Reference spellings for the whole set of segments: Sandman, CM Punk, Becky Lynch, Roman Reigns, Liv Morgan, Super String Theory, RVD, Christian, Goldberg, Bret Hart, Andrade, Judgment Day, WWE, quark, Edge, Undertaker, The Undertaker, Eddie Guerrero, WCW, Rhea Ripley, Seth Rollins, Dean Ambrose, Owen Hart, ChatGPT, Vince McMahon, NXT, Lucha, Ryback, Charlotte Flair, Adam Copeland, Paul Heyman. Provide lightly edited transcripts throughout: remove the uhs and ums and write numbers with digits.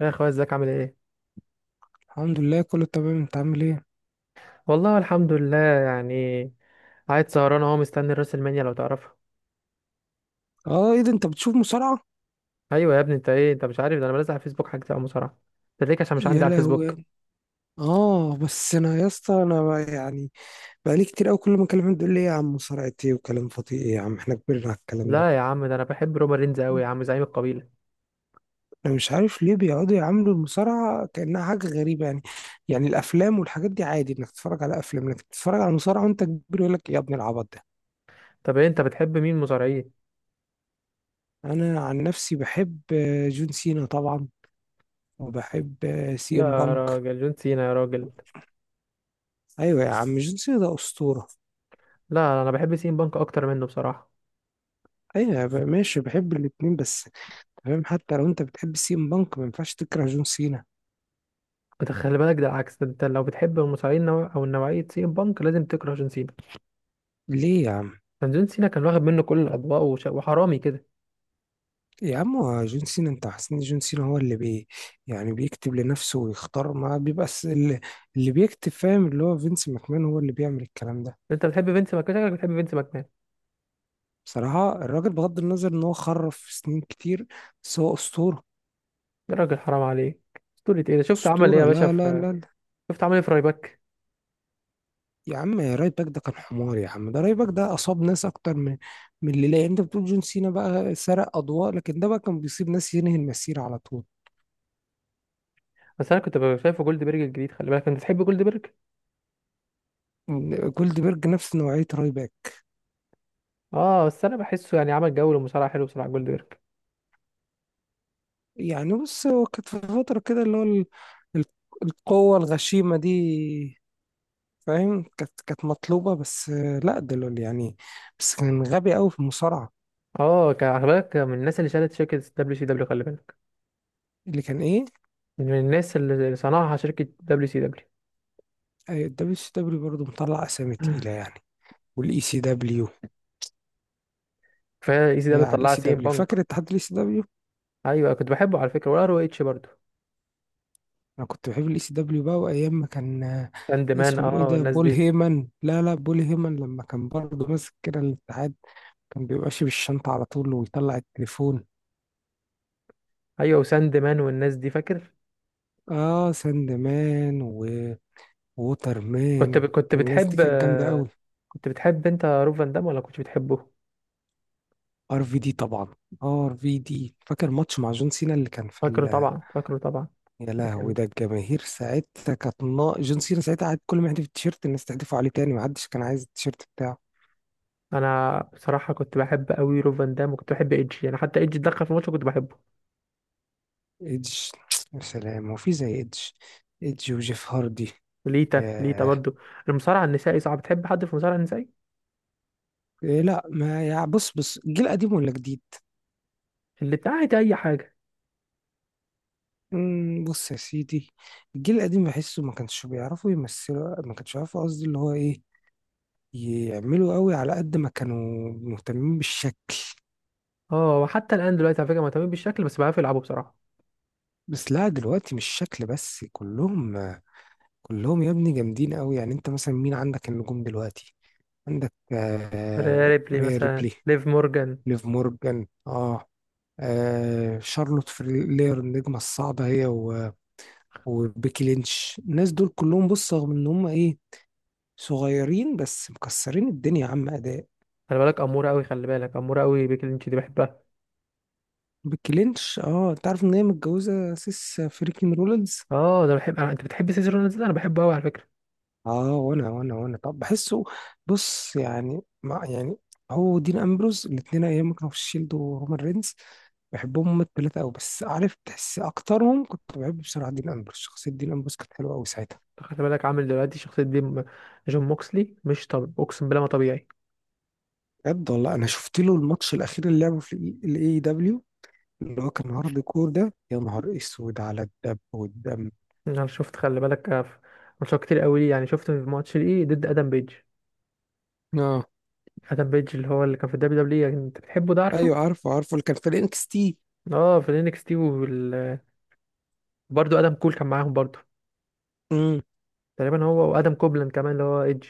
يا اخويا، ازيك؟ عامل ايه؟ الحمد لله كله تمام، انت عامل ايه؟ والله الحمد لله، يعني قاعد سهران اهو مستني الراس المانيا، لو تعرفها. اه، ايه ده انت بتشوف مصارعة؟ ايوه يا ابني، انت ايه؟ انت مش عارف؟ ده انا بنزل على الفيسبوك حاجتي او مصارعه. ده ليك عشان مش يا عندي على الفيسبوك. لهوي. اه بس انا يا اسطى انا يعني بقالي كتير قوي، كل ما اكلمهم تقول لي ايه يا عم مصارعة، ايه وكلام فاضي، ايه يا عم احنا كبرنا على الكلام ده. لا يا عم، ده انا بحب رومان رينز قوي يا عم، زعيم القبيله. انا مش عارف ليه بيقعدوا يعاملوا المصارعة كأنها حاجة غريبة يعني. يعني الافلام والحاجات دي عادي، انك تتفرج على افلام، انك تتفرج على مصارعة وانت كبير يقول لك يا ابن العبط ده. طب ايه، انت بتحب مين مصارعين؟ انا عن نفسي بحب جون سينا طبعا، وبحب سي ام يا بانك. راجل، جون سينا يا راجل. ايوه يا عم، جون سينا ده اسطورة. لا، انا بحب سين بانك اكتر منه بصراحه. ايوه ماشي، بحب الاتنين بس. تمام، حتى لو انت بتحب سين بانك ما ينفعش تكره جون سينا. انت خلي بالك، ده العكس، ده انت لو بتحب المصارعين او نوعيه سين بانك لازم تكره جون سينا. ليه يا عم؟ كان جون سينا كان واخد منه كل الاضواء وحرامي كده. يا عم هو جون سينا، انت حاسس ان جون سينا هو اللي بي... يعني بيكتب لنفسه ويختار ما بيبقى اللي بيكتب؟ فاهم؟ اللي هو فينس ماكمان هو اللي بيعمل الكلام ده. انت بتحب فينس ماكمان؟ شكلك بتحب فينس ماكمان. بصراحة الراجل بغض النظر ان هو خرف سنين كتير بس هو اسطورة. يا راجل، حرام عليك. اسطورة ايه؟ ده شفت عمل ايه يا اسطورة، باشا لا لا في... لا. شفت عمل ايه في رايباك؟ يا عم رايت باك ده كان حمار يا عم، ده رايت باك ده اصاب ناس اكتر من اللي... لا انت بتقول جون سينا بقى سرق اضواء، لكن ده بقى كان بيصيب ناس ينهي المسيرة على طول. بس انا كنت ببقى شايفه جولدبرج الجديد، خلي بالك، انت بتحب جولدبرج؟ جولدبرج نفس نوعية راي باك. اه بس انا بحسه يعني عمل جو للمصارعة حلو بصراحة جولدبرج. يعني بص، هو كانت في فترة كده اللي هو ال- القوة الغشيمة دي، فاهم؟ كانت مطلوبة، بس لا دلوقتي يعني. بس كان غبي قوي في المصارعة. اه، خلي بالك من الناس اللي شالت شركة دبليو سي دبليو، خلي بالك. اللي كان ايه؟ من الناس اللي صنعها شركة دبليو سي دبليو. الدبليو سي دبليو برضه مطلع اسامي تقيلة يعني، والاي سي دبليو. كفاية ايزي يا دبليو على الاي طلعها سي سي ام دبليو، بانك. فاكر اتحاد الاي سي دبليو. ايوه، كنت بحبه على فكرة، والار او اتش برضه. انا كنت بحب الاي سي دبليو بقى، وايام ما كان ساند مان، اسمه اه، ايه ده والناس بول دي. هيمن؟ لا لا، بول هيمن لما كان برضه ماسك كده الاتحاد، كان بيبقى ماشي بالشنطة على طول ويطلع التليفون. ايوه، وساند مان والناس دي فاكر؟ اه ساند مان، ووتر مان، كنت ب... كنت الناس دي بتحب كانت جامدة آه، قوي. كنت بتحب انت روف فان دام ولا كنت بتحبه؟ ار في دي طبعا. ار في دي فاكر ماتش مع جون سينا اللي كان في فاكره ال... طبعا، فاكره طبعا. يا لهوي، لكن ده الجماهير ساعتها كانت نا... جون سينا ساعتها قعد كل ما يحدف التيشيرت الناس تحدفه عليه تاني، ما حدش كان عايز التيشيرت بتاعه. انا بصراحه كنت بحب قوي روف فان دام، وكنت بحب ايدج، يعني حتى ايدج اتدخل في الماتش كنت بحبه. ايدج، يا سلام، هو في زي ايدج؟ ايدج وجيف هاردي. ليتا، ليتا ياه. برضو. المصارع النسائي صعب تحب حد في المصارع النسائي. إيه لا ما، يا بص الجيل قديم ولا جديد؟ اللي بتاعت اي حاجه. بص يا سيدي، الجيل القديم بحسه ما كانش بيعرفوا يمثلوا، ما كانش بيعرفوا قصدي اللي هو ايه يعملوا قوي على قد ما كانوا مهتمين بالشكل. اه، وحتى الان دلوقتي على فكره مهتمين بالشكل بس بيعرفوا يلعبوا بصراحه. بس لا دلوقتي مش شكل بس، كلهم كلهم يا ابني جامدين قوي، يعني انت مثلا مين عندك النجوم دلوقتي؟ عندك آه ريبلي ريا مثلا، ريبلي، ليف مورجان. ليف مورجان اه، آه شارلوت فلير النجمة الصعبة، هي وبيكي لينش، الناس دول كلهم، بص رغم ان هم ايه صغيرين بس مكسرين الدنيا يا عم اداء. خلي بالك اموره قوي، خلي بالك اموره قوي، بيكي لينش دي بحبها. بيكي لينش، اه انت عارف ان هي متجوزة سيس فريكين رولينز؟ اه ده انت بتحب سيزر رونالدز؟ ده انا بحبه قوي على فكره. اه وانا طب بحسه، بص يعني مع يعني هو دين امبروز الاثنين ايام ما كانوا في الشيلد ورومان رينز، بحبهم هما الثلاثه قوي، بس عارف تحس اكترهم كنت بحب بصراحه دين امبروز. شخصيه دين امبروز كانت حلوه قوي ساعتها. خلي بالك عامل دلوقتي شخصيه دي جون موكسلي، مش طب اقسم بالله ما طبيعي. بجد والله، انا شفت له الماتش الاخير اللي لعبه في الاي دبليو، اللي هو كان هارد كور ده، يا نهار اسود على الدب والدم. انا شفت، خلي بالك، ماتشات كتير قوي ليه، يعني شفت في ماتش ليه ضد ادم بيج. اه، ادم بيج اللي كان في الدبليو دبليو، انت بتحبه ده عارفه؟ ايوه عارفه عارفه اللي كان في الانكس تي. اه في الانكس تي، وبرده. ادم كول كان معاهم برضه. امم. تقريبا هو وادم كوبلاند كمان، اللي هو ايدج.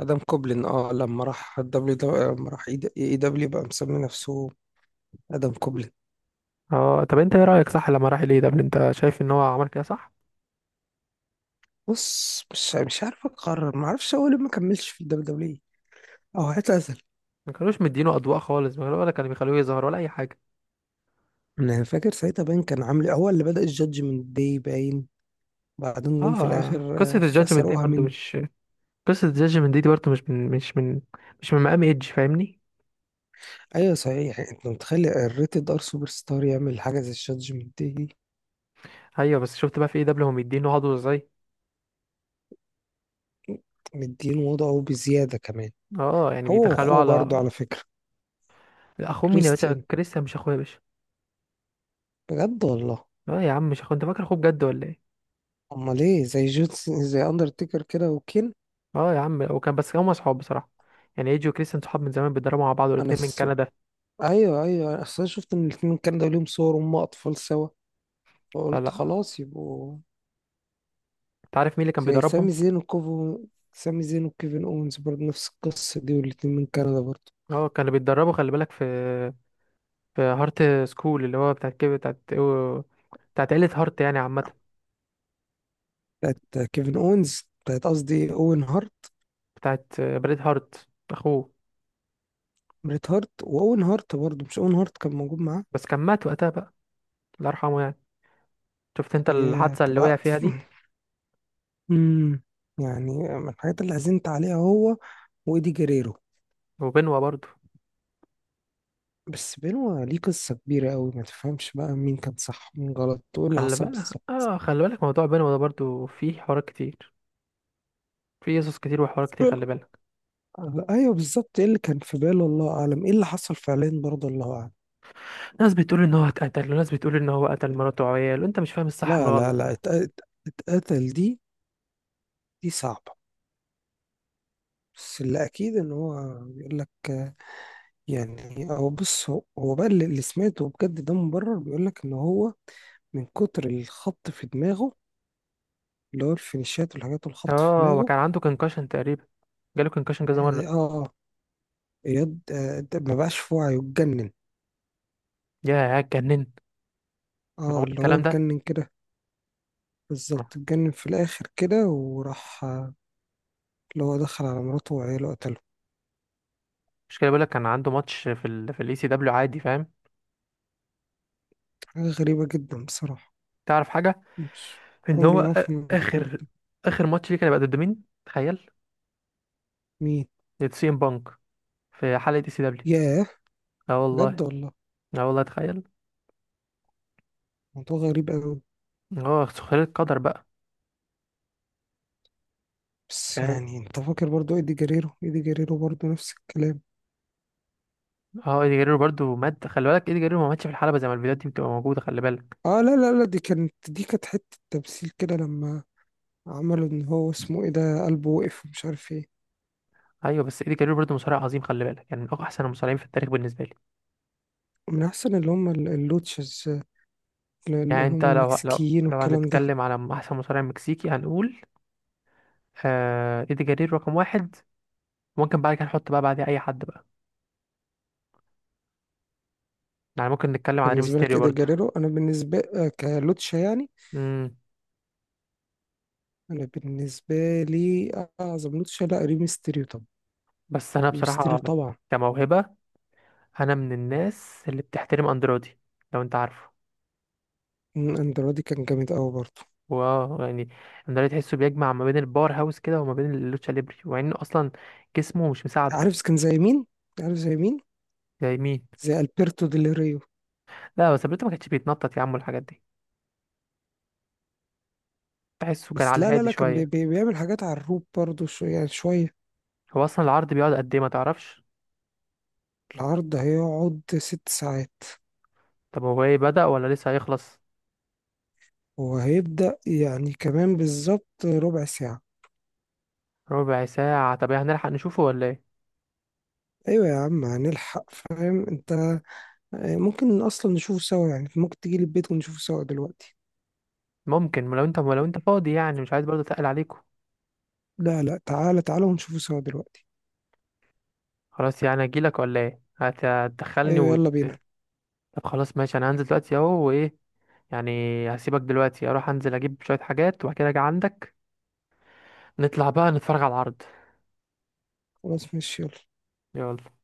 ادم كوبلين، اه لما راح الدبليو لما راح اي دبليو بقى مسمي نفسه ادم كوبلين. اه طب انت ايه رايك؟ صح لما راح ليه، ده انت شايف ان هو عمل كده صح؟ بص مش عارف اقرر، ما اعرفش هو ليه ما كملش في الدبليو دبليو او اعتزل. ما كانوش مدينه اضواء خالص، ما كانوا- ولا كانوا بيخلوه يظهر ولا اي حاجه. انا فاكر ساعتها باين كان عامل هو اللي بدأ الجادجمنت داي باين، بعدين جم في اه، الاخر خسروها منه. قصه الجاجمنت دي برضه مش من مقام ايدج، فاهمني؟ ايوه صحيح، انت متخيل الريتد ار سوبر ستار يعمل حاجه زي الشات جي بي تي؟ ايوه، بس شفت بقى في ايه دبليو هم مدينه عضو ازاي. مدين وضعه بزياده كمان. اه، يعني هو بيدخلوه واخوه برضه على... على فكره، اخوه مين يا باشا؟ كريستيان. كريستيان مش اخويا يا باشا. بجد والله؟ اه يا عم، مش اخويا، انت فاكر اخوه بجد ولا ايه؟ امال ايه، زي جونس، زي اندرتيكر كده وكين. اه يا عم وكان، بس هما صحاب بصراحه. يعني ايجي وكريستيان صحاب من زمان، بيتدربوا مع بعض، انا والاتنين من س... كندا. ايوه ايوه، اصل أنا اصلا شفت ان الاثنين كان ده ليهم صور هم اطفال سوا، لا، فقلت لا، خلاص يبقوا انت عارف مين اللي كان زي بيدربهم؟ سامي زين وكوفو. سامي زين وكيفن اونز برضه نفس القصه دي، والاتنين من كندا برضه. اه، كانوا بيتدربوا خلي بالك في هارت سكول، اللي هو بتاعت كده بتاعت بتاعت عيلة هارت يعني، عامة. بتاعت كيفن اونز، بتاعت قصدي اوين هارت. بتاعت بريد هارت أخوه. بريت هارت واون هارت، برضه مش اون هارت كان موجود معاه. بس كان مات وقتها بقى. الله يرحمه يعني. شفت أنت يا الحادثة طب. اللي وقع فيها دي؟ امم، يعني من الحاجات اللي حزنت عليها هو وايدي جريرو، وبنوة برضه. بس بينه ليه قصة كبيرة قوي، ما تفهمش بقى مين كان صح ومين غلط وايه اللي خلي حصل بالك بالظبط. اه خلي بالك موضوع بينهم ده برضو فيه حوارات كتير. فيه قصص كتير وحوارات كتير، خلي بالك. لا، ايوه بالظبط، ايه اللي كان في باله الله اعلم، ايه اللي حصل فعليا برضه الله اعلم. ناس بتقول ان هو اتقتل، وناس بتقول ان هو قتل مراته وعياله، انت مش فاهم الصح من لا لا الغلط لا، بقى. اتقتل. دي دي صعبة. بس اللي اكيد ان هو، يقول لك يعني، هو بص هو بقى اللي سمعته بجد ده مبرر، بيقول لك ان هو من كتر الخبط في دماغه، اللي هو الفينيشات والحاجات والخبط في اه، دماغه. وكان عنده كونكشن تقريبا، جاله كونكشن كذا مره. اه. اه. آه ده ما بقاش في وعيه، اتجنن. يا اتجنن. اه معقول اللي هو الكلام ده؟ اتجنن كده، بالظبط ما- اتجنن في الاخر كده وراح اللي هو دخل على مراته وعياله قتله. مش كده، بقول لك كان عنده ماتش في الاي سي دبليو عادي، فاهم؟ حاجة غريبة جدا بصراحة. تعرف حاجه؟ مش... ان عمري ما هو افهم الحوار اخر ده. اخر ماتش ليه كان هيبقى ضد مين، تخيل. مين؟ ضد سي ام بانك. في حلقه اي سي دبليو. ياه. اه والله. بجد والله؟ اه والله، تخيل. موضوع غريب أوي. اه، سخريه القدر بقى. بس يعني انت فاكر برضو ايدي جريرو، ايدي جريرو برضو نفس الكلام. اه، ايدي جرير برضو مات، خلي بالك، ايدي جرير ما ماتش في الحلبة زي ما الفيديوهات دي بتبقى موجودة، خلي بالك. اه لا لا لا، دي كانت حتة تمثيل كده لما عملوا ان هو اسمه ايه ده قلبه وقف ومش عارف ايه. ايوه، بس ايدي جرير برضو مصارع عظيم، خلي بالك، يعني من احسن المصارعين في التاريخ بالنسبة لي. من احسن اللي هم اللوتشز، اللي يعني انت هم لو لو المكسيكيين لو والكلام ده. هنتكلم على احسن مصارع مكسيكي هنقول ايدي جرير رقم واحد. ممكن بعد كده نحط بقى بعديه اي حد بقى. يعني ممكن نتكلم على بالنسبة لك ريمستيريو ايدي برضو. جريرو، انا بالنسبة كلوتشا يعني. امم انا بالنسبة لي اعظم لوتشا لا ريمستيريو طبعا. بس انا ريمستيريو بصراحة طبعا. كموهبة، انا من الناس اللي بتحترم اندرودي، لو انت عارفه. اندرادي كان جامد قوي برضو. يعني، اندريد تحسه بيجمع ما بين الباور هاوس كده وما بين اللوتشا ليبري، ومع انه اصلا جسمه مش مساعده. عارف كان زي مين؟ عارف زي مين؟ زي مين؟ زي البرتو ديل ريو. لا، بس بريتو ما كانش بيتنطط يا عم الحاجات دي، تحسه كان بس على لا لا هادي لا، كان بي شويه. بي بيعمل حاجات على الروب برضو، شو يعني شوية. هو اصلا العرض بيقعد قد ايه، ما تعرفش؟ العرض هيقعد 6 ساعات، طب هو ايه، بدأ ولا لسه هيخلص؟ وهيبدأ يعني كمان بالظبط ربع ساعة. ربع ساعه؟ طب إيه، هنلحق نشوفه ولا ايه؟ أيوة يا عم هنلحق فاهم أنت، ممكن أصلا نشوفه سوا يعني، ممكن تجيلي البيت ونشوفه سوا دلوقتي. ممكن لو انت فاضي، يعني مش عايز برضه اتقل عليكم. لا لا تعالى تعالى ونشوفه سوا دلوقتي. خلاص يعني اجيلك ولا ايه، هتدخلني أيوة يلا بينا. طب خلاص ماشي، انا هنزل دلوقتي اهو، وايه يعني. هسيبك دلوقتي، اروح انزل اجيب شويه حاجات، وبعد كده اجي عندك. نطلع بقى نتفرج على العرض. خلاص ماشي يلا. يلا.